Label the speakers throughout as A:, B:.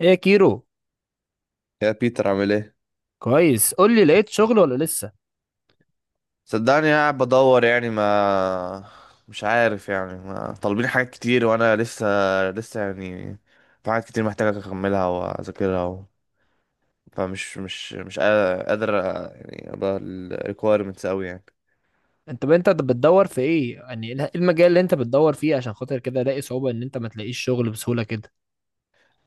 A: ايه يا كيرو؟
B: يا بيتر، عامل ايه؟
A: كويس، قول لي، لقيت شغل ولا لسه؟
B: صدقني قاعد بدور يعني. ما مش عارف، يعني ما طالبين حاجات كتير وانا لسه لسه يعني في حاجات كتير محتاجة اكملها واذاكرها فمش مش مش قا- قادر، يعني ابقى ال requirements اوي يعني.
A: انت بتدور في ايه؟ يعني ايه المجال اللي انت بتدور فيه عشان خاطر كده الاقي صعوبة ان انت ما تلاقيش شغل بسهولة كده؟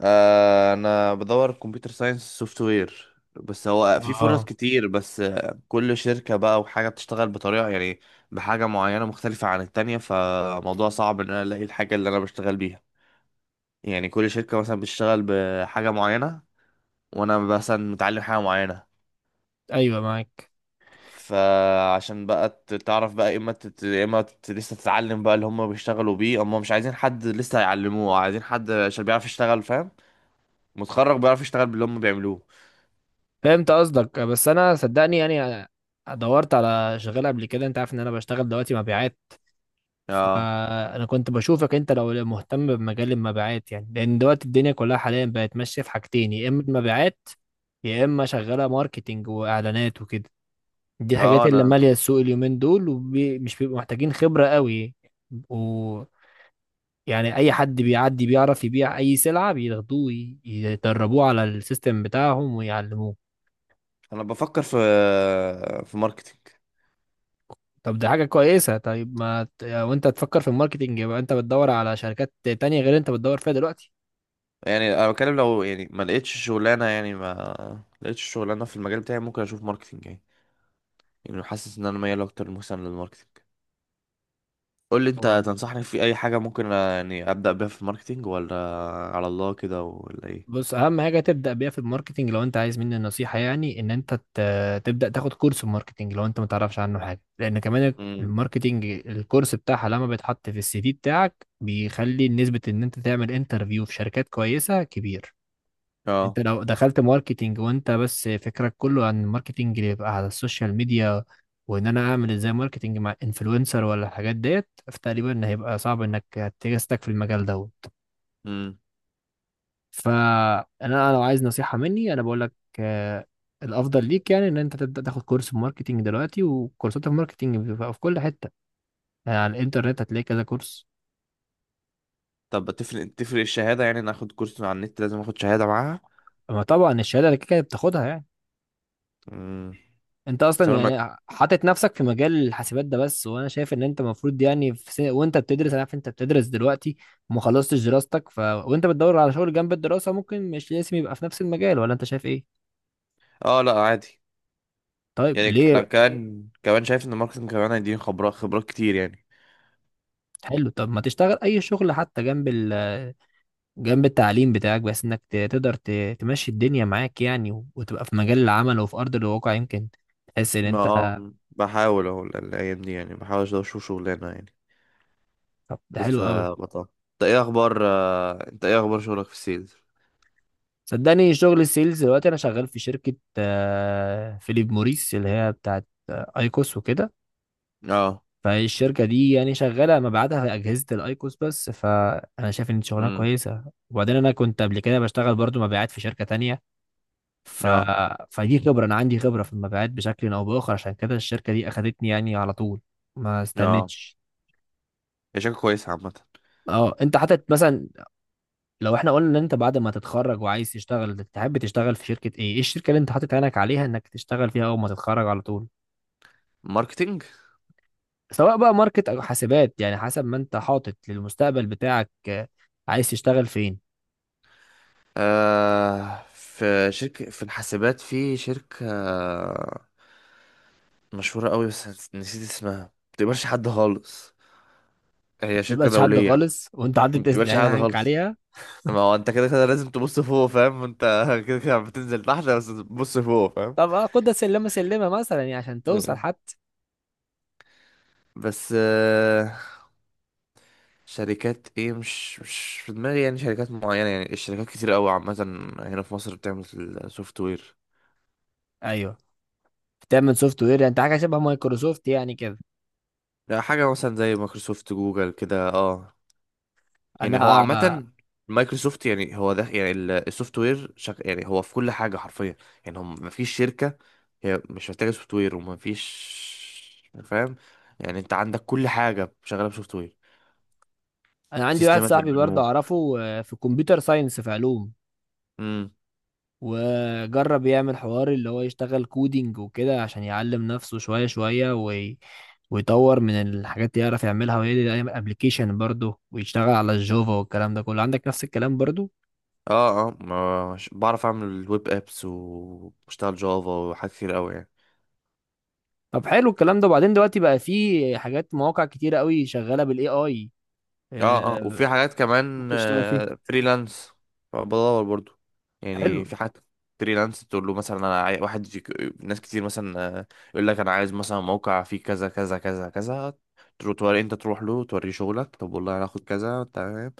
B: آه انا بدور كمبيوتر ساينس سوفت وير. بس هو في فرص
A: اه،
B: كتير. بس كل شركة بقى وحاجة بتشتغل بطريقة، يعني بحاجة معينة مختلفة عن التانية، فموضوع صعب ان انا الاقي الحاجة اللي انا بشتغل بيها. يعني كل شركة مثلا بتشتغل بحاجة معينة، وأنا مثلا متعلم حاجة معينة.
A: ايوه معاك.
B: فعشان بقى تعرف بقى، يا إما يا إما لسه تتعلم بقى اللي هم بيشتغلوا بيه. هم مش عايزين حد لسه هيعلموه، عايزين حد عشان بيعرف يشتغل، فاهم؟ متخرج بيعرف يشتغل باللي هم بيعملوه.
A: فهمت قصدك، بس انا صدقني يعني دورت على شغال قبل كده، انت عارف ان انا بشتغل دلوقتي مبيعات.
B: اه.
A: فانا كنت بشوفك انت لو مهتم بمجال المبيعات، يعني لان دلوقتي الدنيا كلها حاليا بقت ماشية في حاجتين، يا اما المبيعات يا اما شغالة ماركتينج واعلانات وكده. دي الحاجات
B: اه.
A: اللي
B: أنا
A: مالية السوق اليومين دول، ومش بيبقوا محتاجين خبرة قوي. و يعني اي حد بيعدي بيعرف يبيع اي سلعة بياخدوه يدربوه على السيستم بتاعهم ويعلموه.
B: أنا بفكر في ماركتينج.
A: طب دي حاجة كويسة، طيب ما ت- وانت تفكر في الماركتينج يبقى انت بتدور على شركات تانية غير اللي انت بتدور فيها دلوقتي.
B: يعني أنا بتكلم، لو يعني ما لقيتش شغلانة، يعني ما لقيتش شغلانة في المجال بتاعي، ممكن أشوف ماركتينج يعني. يعني حاسس إن أنا ميال أكتر مثلا للماركتينج. قول لي
A: هو
B: انت، تنصحني في اي حاجه ممكن، يعني ابدا بيها في الماركتينج، ولا على الله كده، ولا ايه؟
A: بص، اهم حاجه تبدا بيها في الماركتنج لو انت عايز مني نصيحه، يعني ان انت تبدا تاخد كورس في الماركتنج لو انت ما تعرفش عنه حاجه، لان كمان
B: امم
A: الماركتنج الكورس بتاعها لما بيتحط في السي في بتاعك بيخلي نسبه ان انت تعمل انترفيو في شركات كويسه كبير. انت
B: اه.
A: لو دخلت ماركتنج وانت بس فكرك كله عن الماركتنج اللي يبقى على السوشيال ميديا، وان انا اعمل ازاي ماركتنج مع انفلونسر ولا الحاجات ديت، فتقريبا هيبقى صعب انك تجستك في المجال دوت.
B: امم
A: فانا لو عايز نصيحه مني انا بقول لك، آه، الافضل ليك يعني ان انت تبدا تاخد كورس ماركتينج دلوقتي، وكورسات الماركتينج بتبقى في كل حته. يعني على الانترنت هتلاقي كذا كورس.
B: طب، تفرق الشهاده؟ يعني ناخد كورس على النت، لازم اخد شهاده معاها؟
A: اما طبعا الشهاده اللي كده كده بتاخدها يعني.
B: امم
A: انت
B: بس
A: اصلا
B: انا ما...
A: يعني حاطط نفسك في مجال الحاسبات ده بس، وانا شايف ان انت المفروض يعني في سنة وانت بتدرس، انا عارف انت بتدرس دلوقتي وما خلصتش دراستك، وانت بتدور على شغل جنب الدراسه ممكن مش لازم يبقى في نفس المجال، ولا انت شايف ايه؟
B: اه، لا عادي.
A: طيب
B: يعني انا
A: ليه؟
B: كان كمان شايف ان الماركتينج كمان هيديني خبرات خبرات كتير يعني.
A: حلو، طب ما تشتغل اي شغل حتى جنب التعليم بتاعك، بس انك تقدر تمشي الدنيا معاك يعني، وتبقى في مجال العمل وفي ارض الواقع، يمكن تحس ان
B: ما
A: انت.
B: بحاول اهو الايام دي يعني بحاول اشوف شغلانه يعني.
A: طب ده حلو قوي.
B: لسه بطل. انت ايه اخبار؟ انت ايه اخبار شغلك في السيلز؟
A: صدقني شغل السيلز دلوقتي انا شغال في شركة فيليب موريس اللي هي بتاعت ايكوس وكده.
B: اه.
A: فالشركة دي يعني شغالة مبيعاتها في أجهزة الأيكوس بس، فأنا شايف إن شغلها
B: امم
A: كويسة. وبعدين أنا كنت قبل كده بشتغل برضو مبيعات في شركة تانية. ف...
B: اه.
A: فدي خبرة، أنا عندي خبرة في المبيعات بشكل أو بآخر، عشان كده الشركة دي أخدتني يعني على طول، ما
B: اه،
A: استنتش.
B: هي شركه كويسه عامه؟
A: اه، انت حاطط مثلا لو احنا قلنا ان انت بعد ما تتخرج وعايز تشتغل تحب تشتغل في شركة ايه؟ ايه الشركة اللي انت حاطط عينك عليها انك تشتغل فيها اول ما تتخرج على طول؟
B: ماركتينج.
A: سواء بقى ماركت او حاسبات، يعني حسب ما انت حاطط للمستقبل بتاعك، عايز تشتغل فين؟
B: آه في شركة، في الحاسبات، في شركة مشهورة قوي، بس نسيت اسمها، ما بتقبلش حد خالص. هي شركة
A: متبقاش حد
B: دولية.
A: خالص وانت
B: ما
A: حاطط
B: بتقبلش حد
A: عينك
B: خالص.
A: عليها؟
B: ما هو انت كده كده لازم تبص فوق، فاهم انت؟ كده كده بتنزل تحت بس تبص فوق.
A: طب خدها سلمة سلمة مثلا يعني عشان توصل
B: فاهم.
A: حتى.
B: بس شركات ايه؟ مش في دماغي يعني شركات معينة، يعني الشركات كتير قوي عامة هنا في مصر بتعمل سوفت وير.
A: ايوه، بتعمل سوفت وير انت حاجه شبه مايكروسوفت يعني كده؟
B: لا، حاجة مثلا زي مايكروسوفت، جوجل كده اه. يعني هو
A: انا
B: عامة، مايكروسوفت يعني هو ده، يعني السوفت وير يعني هو في كل حاجة حرفيا. يعني هم مفيش شركة هي مش محتاجة سوفت وير، ومفيش، فاهم؟ يعني انت عندك كل حاجة شغالة بسوفت وير.
A: انا عندي واحد
B: سيستمات
A: صاحبي برضه
B: البنوك.
A: اعرفه في كمبيوتر ساينس، في علوم.
B: امم
A: وجرب يعمل حوار اللي هو يشتغل كودينج وكده عشان يعلم نفسه شويه شويه ويطور من الحاجات اللي يعرف يعملها، ويعمل ابلكيشن برضه ويشتغل على الجافا والكلام ده كله، عندك نفس الكلام برضه.
B: اه. اه، بعرف اعمل الويب ابس، وبشتغل جافا، وحاجات كتير قوي يعني.
A: طب حلو الكلام ده، وبعدين دلوقتي بقى في حاجات مواقع كتيره قوي شغاله بالاي اي،
B: اه. اه وفي حاجات كمان
A: ممكن تشتغل فيها.
B: فريلانس. فبدور برضو
A: حلو،
B: يعني في حاجات فريلانس. تقول له مثلا، انا واحد ناس كتير مثلا، يقول لك انا عايز مثلا موقع فيه كذا كذا كذا كذا. ترو توري، انت تروح له توريه شغلك، طب والله انا هاخد كذا، تمام.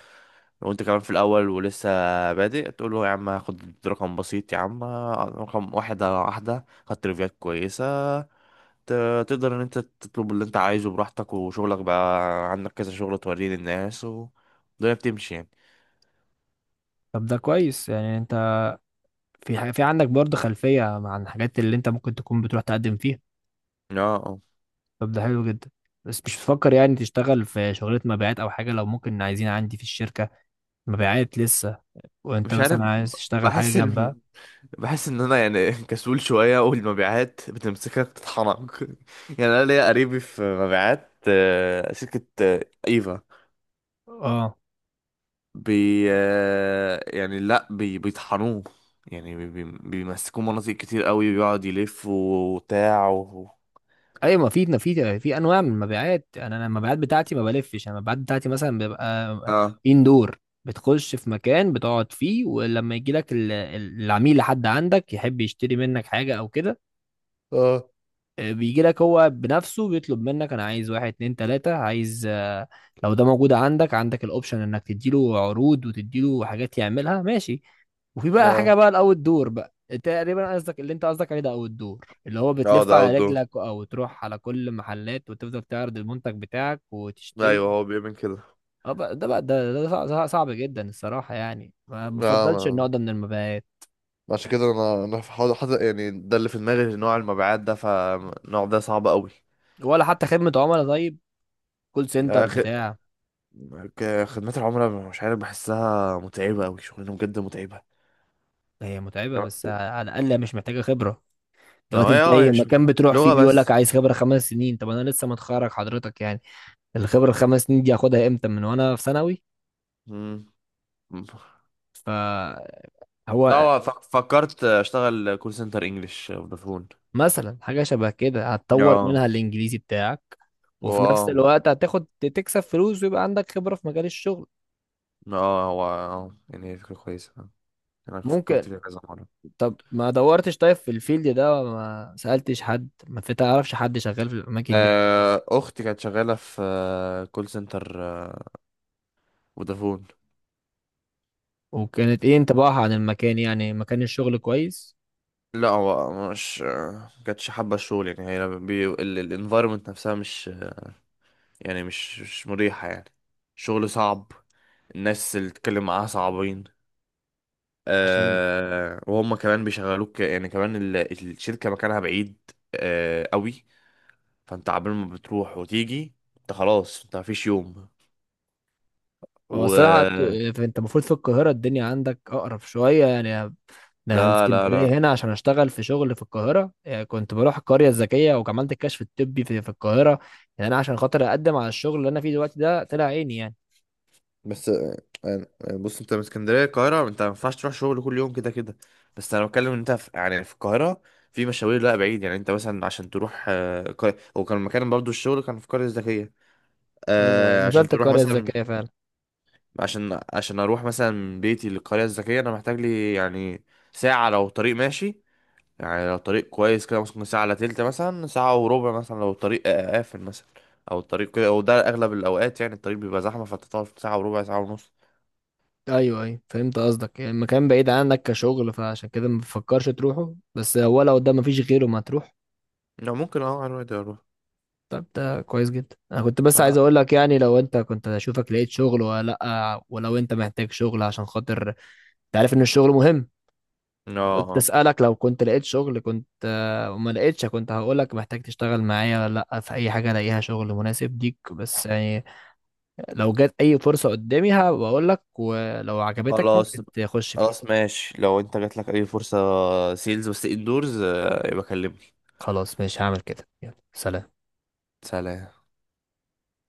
B: لو انت كمان في الاول ولسه بادئ، تقول له يا عم هاخد رقم بسيط يا عم. رقم واحدة واحدة، خدت ريفيوهات كويسة، تقدر ان انت تطلب اللي انت عايزه براحتك، وشغلك بقى عندك كذا شغل، توريه للناس، والدنيا بتمشي يعني.
A: طب ده كويس يعني انت في عندك برضه خلفية عن الحاجات اللي انت ممكن تكون بتروح تقدم فيها.
B: اه. اه
A: طب ده حلو جدا. بس مش بتفكر يعني تشتغل في شغلة مبيعات او حاجة؟ لو ممكن، عايزين عندي في الشركة مبيعات لسه، وانت
B: مش عارف،
A: مثلا عايز تشتغل حاجة
B: بحس
A: جنبها.
B: ان بحس ان انا يعني كسول شويه، والمبيعات بتمسكك تطحنك. يعني انا ليا قريبي في مبيعات، شركه ايفا
A: اه،
B: بي. يعني لا، بيطحنوه. يعني بيمسكوه مناطق كتير قوي، بيقعد يلف وبتاع
A: ايوه، ما في انواع من المبيعات، انا المبيعات بتاعتي ما بلفش، انا المبيعات بتاعتي مثلا بيبقى
B: اه.
A: اندور. بتخش في مكان بتقعد فيه ولما يجي لك العميل لحد عندك يحب يشتري منك حاجة او كده.
B: اه.
A: بيجي لك هو بنفسه بيطلب منك انا عايز واحد اتنين تلاتة عايز. لو ده موجود عندك، عندك الاوبشن انك تديله عروض وتديله حاجات يعملها ماشي. وفي بقى حاجة
B: اه.
A: بقى الاوت دور بقى، تقريبا قصدك اللي انت قصدك عليه ده اوت دور اللي هو
B: اه
A: بتلف
B: ده
A: على
B: اوت.
A: رجلك او تروح على كل محلات وتفضل تعرض المنتج بتاعك
B: ايوه
A: وتشتري.
B: هو بيؤمن كده.
A: اه، ده صعب جدا الصراحة، يعني ما
B: لا
A: بفضلش
B: ما.
A: النوع ده من المبيعات.
B: عشان كده انا حاضر حاضر يعني، ده اللي في دماغي، نوع المبيعات ده، فالنوع ده صعب قوي.
A: ولا حتى خدمة عملاء؟ طيب، كول سنتر
B: أخ...
A: بتاع.
B: خدمات العملاء مش عارف، بحسها متعبة أوي، شغلانة بجد متعبة.
A: هي متعبة
B: اه.
A: بس على الأقل مش محتاجة خبرة. دلوقتي انت
B: اه، هي
A: اي
B: مش متعبة،
A: مكان بتروح فيه
B: لغة
A: بيقول لك
B: بس.
A: عايز خبره 5 سنين، طب انا لسه متخرج حضرتك يعني. الخبره ال5 سنين دي هاخدها امتى؟ من وانا في ثانوي؟
B: مم.
A: فهو
B: لا، هو فكرت أشتغل كول سنتر إنجلش فودافون.
A: مثلا حاجه شبه كده هتطور
B: اه.
A: منها الانجليزي بتاعك، وفي نفس
B: واو.
A: الوقت هتاخد تكسب فلوس ويبقى عندك خبره في مجال الشغل.
B: اه هو اه، يعني هي فكرة كويسة، أنا فكرت
A: ممكن.
B: فيها كذا مرة.
A: طب ما دورتش طيب في الفيلد ده؟ ما سالتش حد؟ ما تعرفش حد شغال في الاماكن دي؟
B: أختي كانت شغالة في كول سنتر فودافون.
A: وكانت ايه انطباعها عن المكان؟ يعني مكان الشغل كويس؟
B: لا هو مش، ما كانتش حابة الشغل يعني، هي الانفايرمنت نفسها مش، يعني مش مريحة يعني. شغل صعب. الناس اللي تتكلم معاها صعبين.
A: عشان
B: وهم كمان بيشغلوك يعني، كمان الشركة مكانها بعيد قوي. فانت عبال ما بتروح وتيجي انت خلاص، انت مفيش يوم.
A: هو الصراحة،
B: و.
A: انت المفروض في القاهرة الدنيا عندك أقرب شوية يعني. ده أنا من
B: لا لا
A: اسكندرية
B: لا.
A: هنا عشان أشتغل في شغل في القاهرة، يعني كنت بروح القرية الذكية وعملت الكشف الطبي في القاهرة. يعني أنا عشان خاطر أقدم على الشغل اللي أنا فيه دلوقتي ده طلع عيني يعني.
B: بس آه، بص انت من اسكندريه، القاهره انت ما ينفعش تروح شغل كل يوم كده كده. بس انا بتكلم ان انت في، يعني في القاهره، في مشاوير لا بعيد يعني. انت مثلا عشان تروح هو كان مكان برضو الشغل، كان في القريه الذكيه.
A: أنا
B: عشان
A: نزلت
B: تروح
A: القرية
B: مثلا،
A: الذكية فعلا.
B: عشان عشان اروح مثلا من بيتي للقريه الذكيه، انا محتاج لي يعني ساعه لو طريق ماشي. يعني لو طريق كويس كده ممكن ساعة الا تلت مثلا، ساعة وربع مثلا، لو الطريق قافل مثلا او الطريق كده، وده اغلب الاوقات يعني، الطريق بيبقى زحمه فتطول في ساعه وربع، ساعة ونص.
A: أيوه، أيوه، فهمت قصدك، يعني المكان بعيد عنك كشغل فعشان كده ما بتفكرش تروحه، بس هو لو قدام مفيش غيره ما تروح.
B: لو ممكن اه على الواد اروح.
A: طب ده كويس جدا، انا كنت بس عايز
B: اه.
A: اقول لك يعني لو انت كنت اشوفك لقيت شغل ولا لا، ولو انت محتاج شغل عشان خاطر انت عارف ان الشغل مهم. قلت
B: اه.
A: اسالك لو كنت لقيت شغل كنت وما لقيتش كنت هقولك محتاج تشتغل معايا ولا لا، في اي حاجه الاقيها شغل مناسب ليك بس يعني، لو جت اي فرصه قدامي هبقول لك ولو عجبتك
B: خلاص.
A: ممكن تخش فيها.
B: خلاص ماشي، لو انت جات لك اي فرصة سيلز بس اندورز، يبقى كلمني.
A: خلاص، ماشي، هعمل كده، يلا سلام.
B: سلام.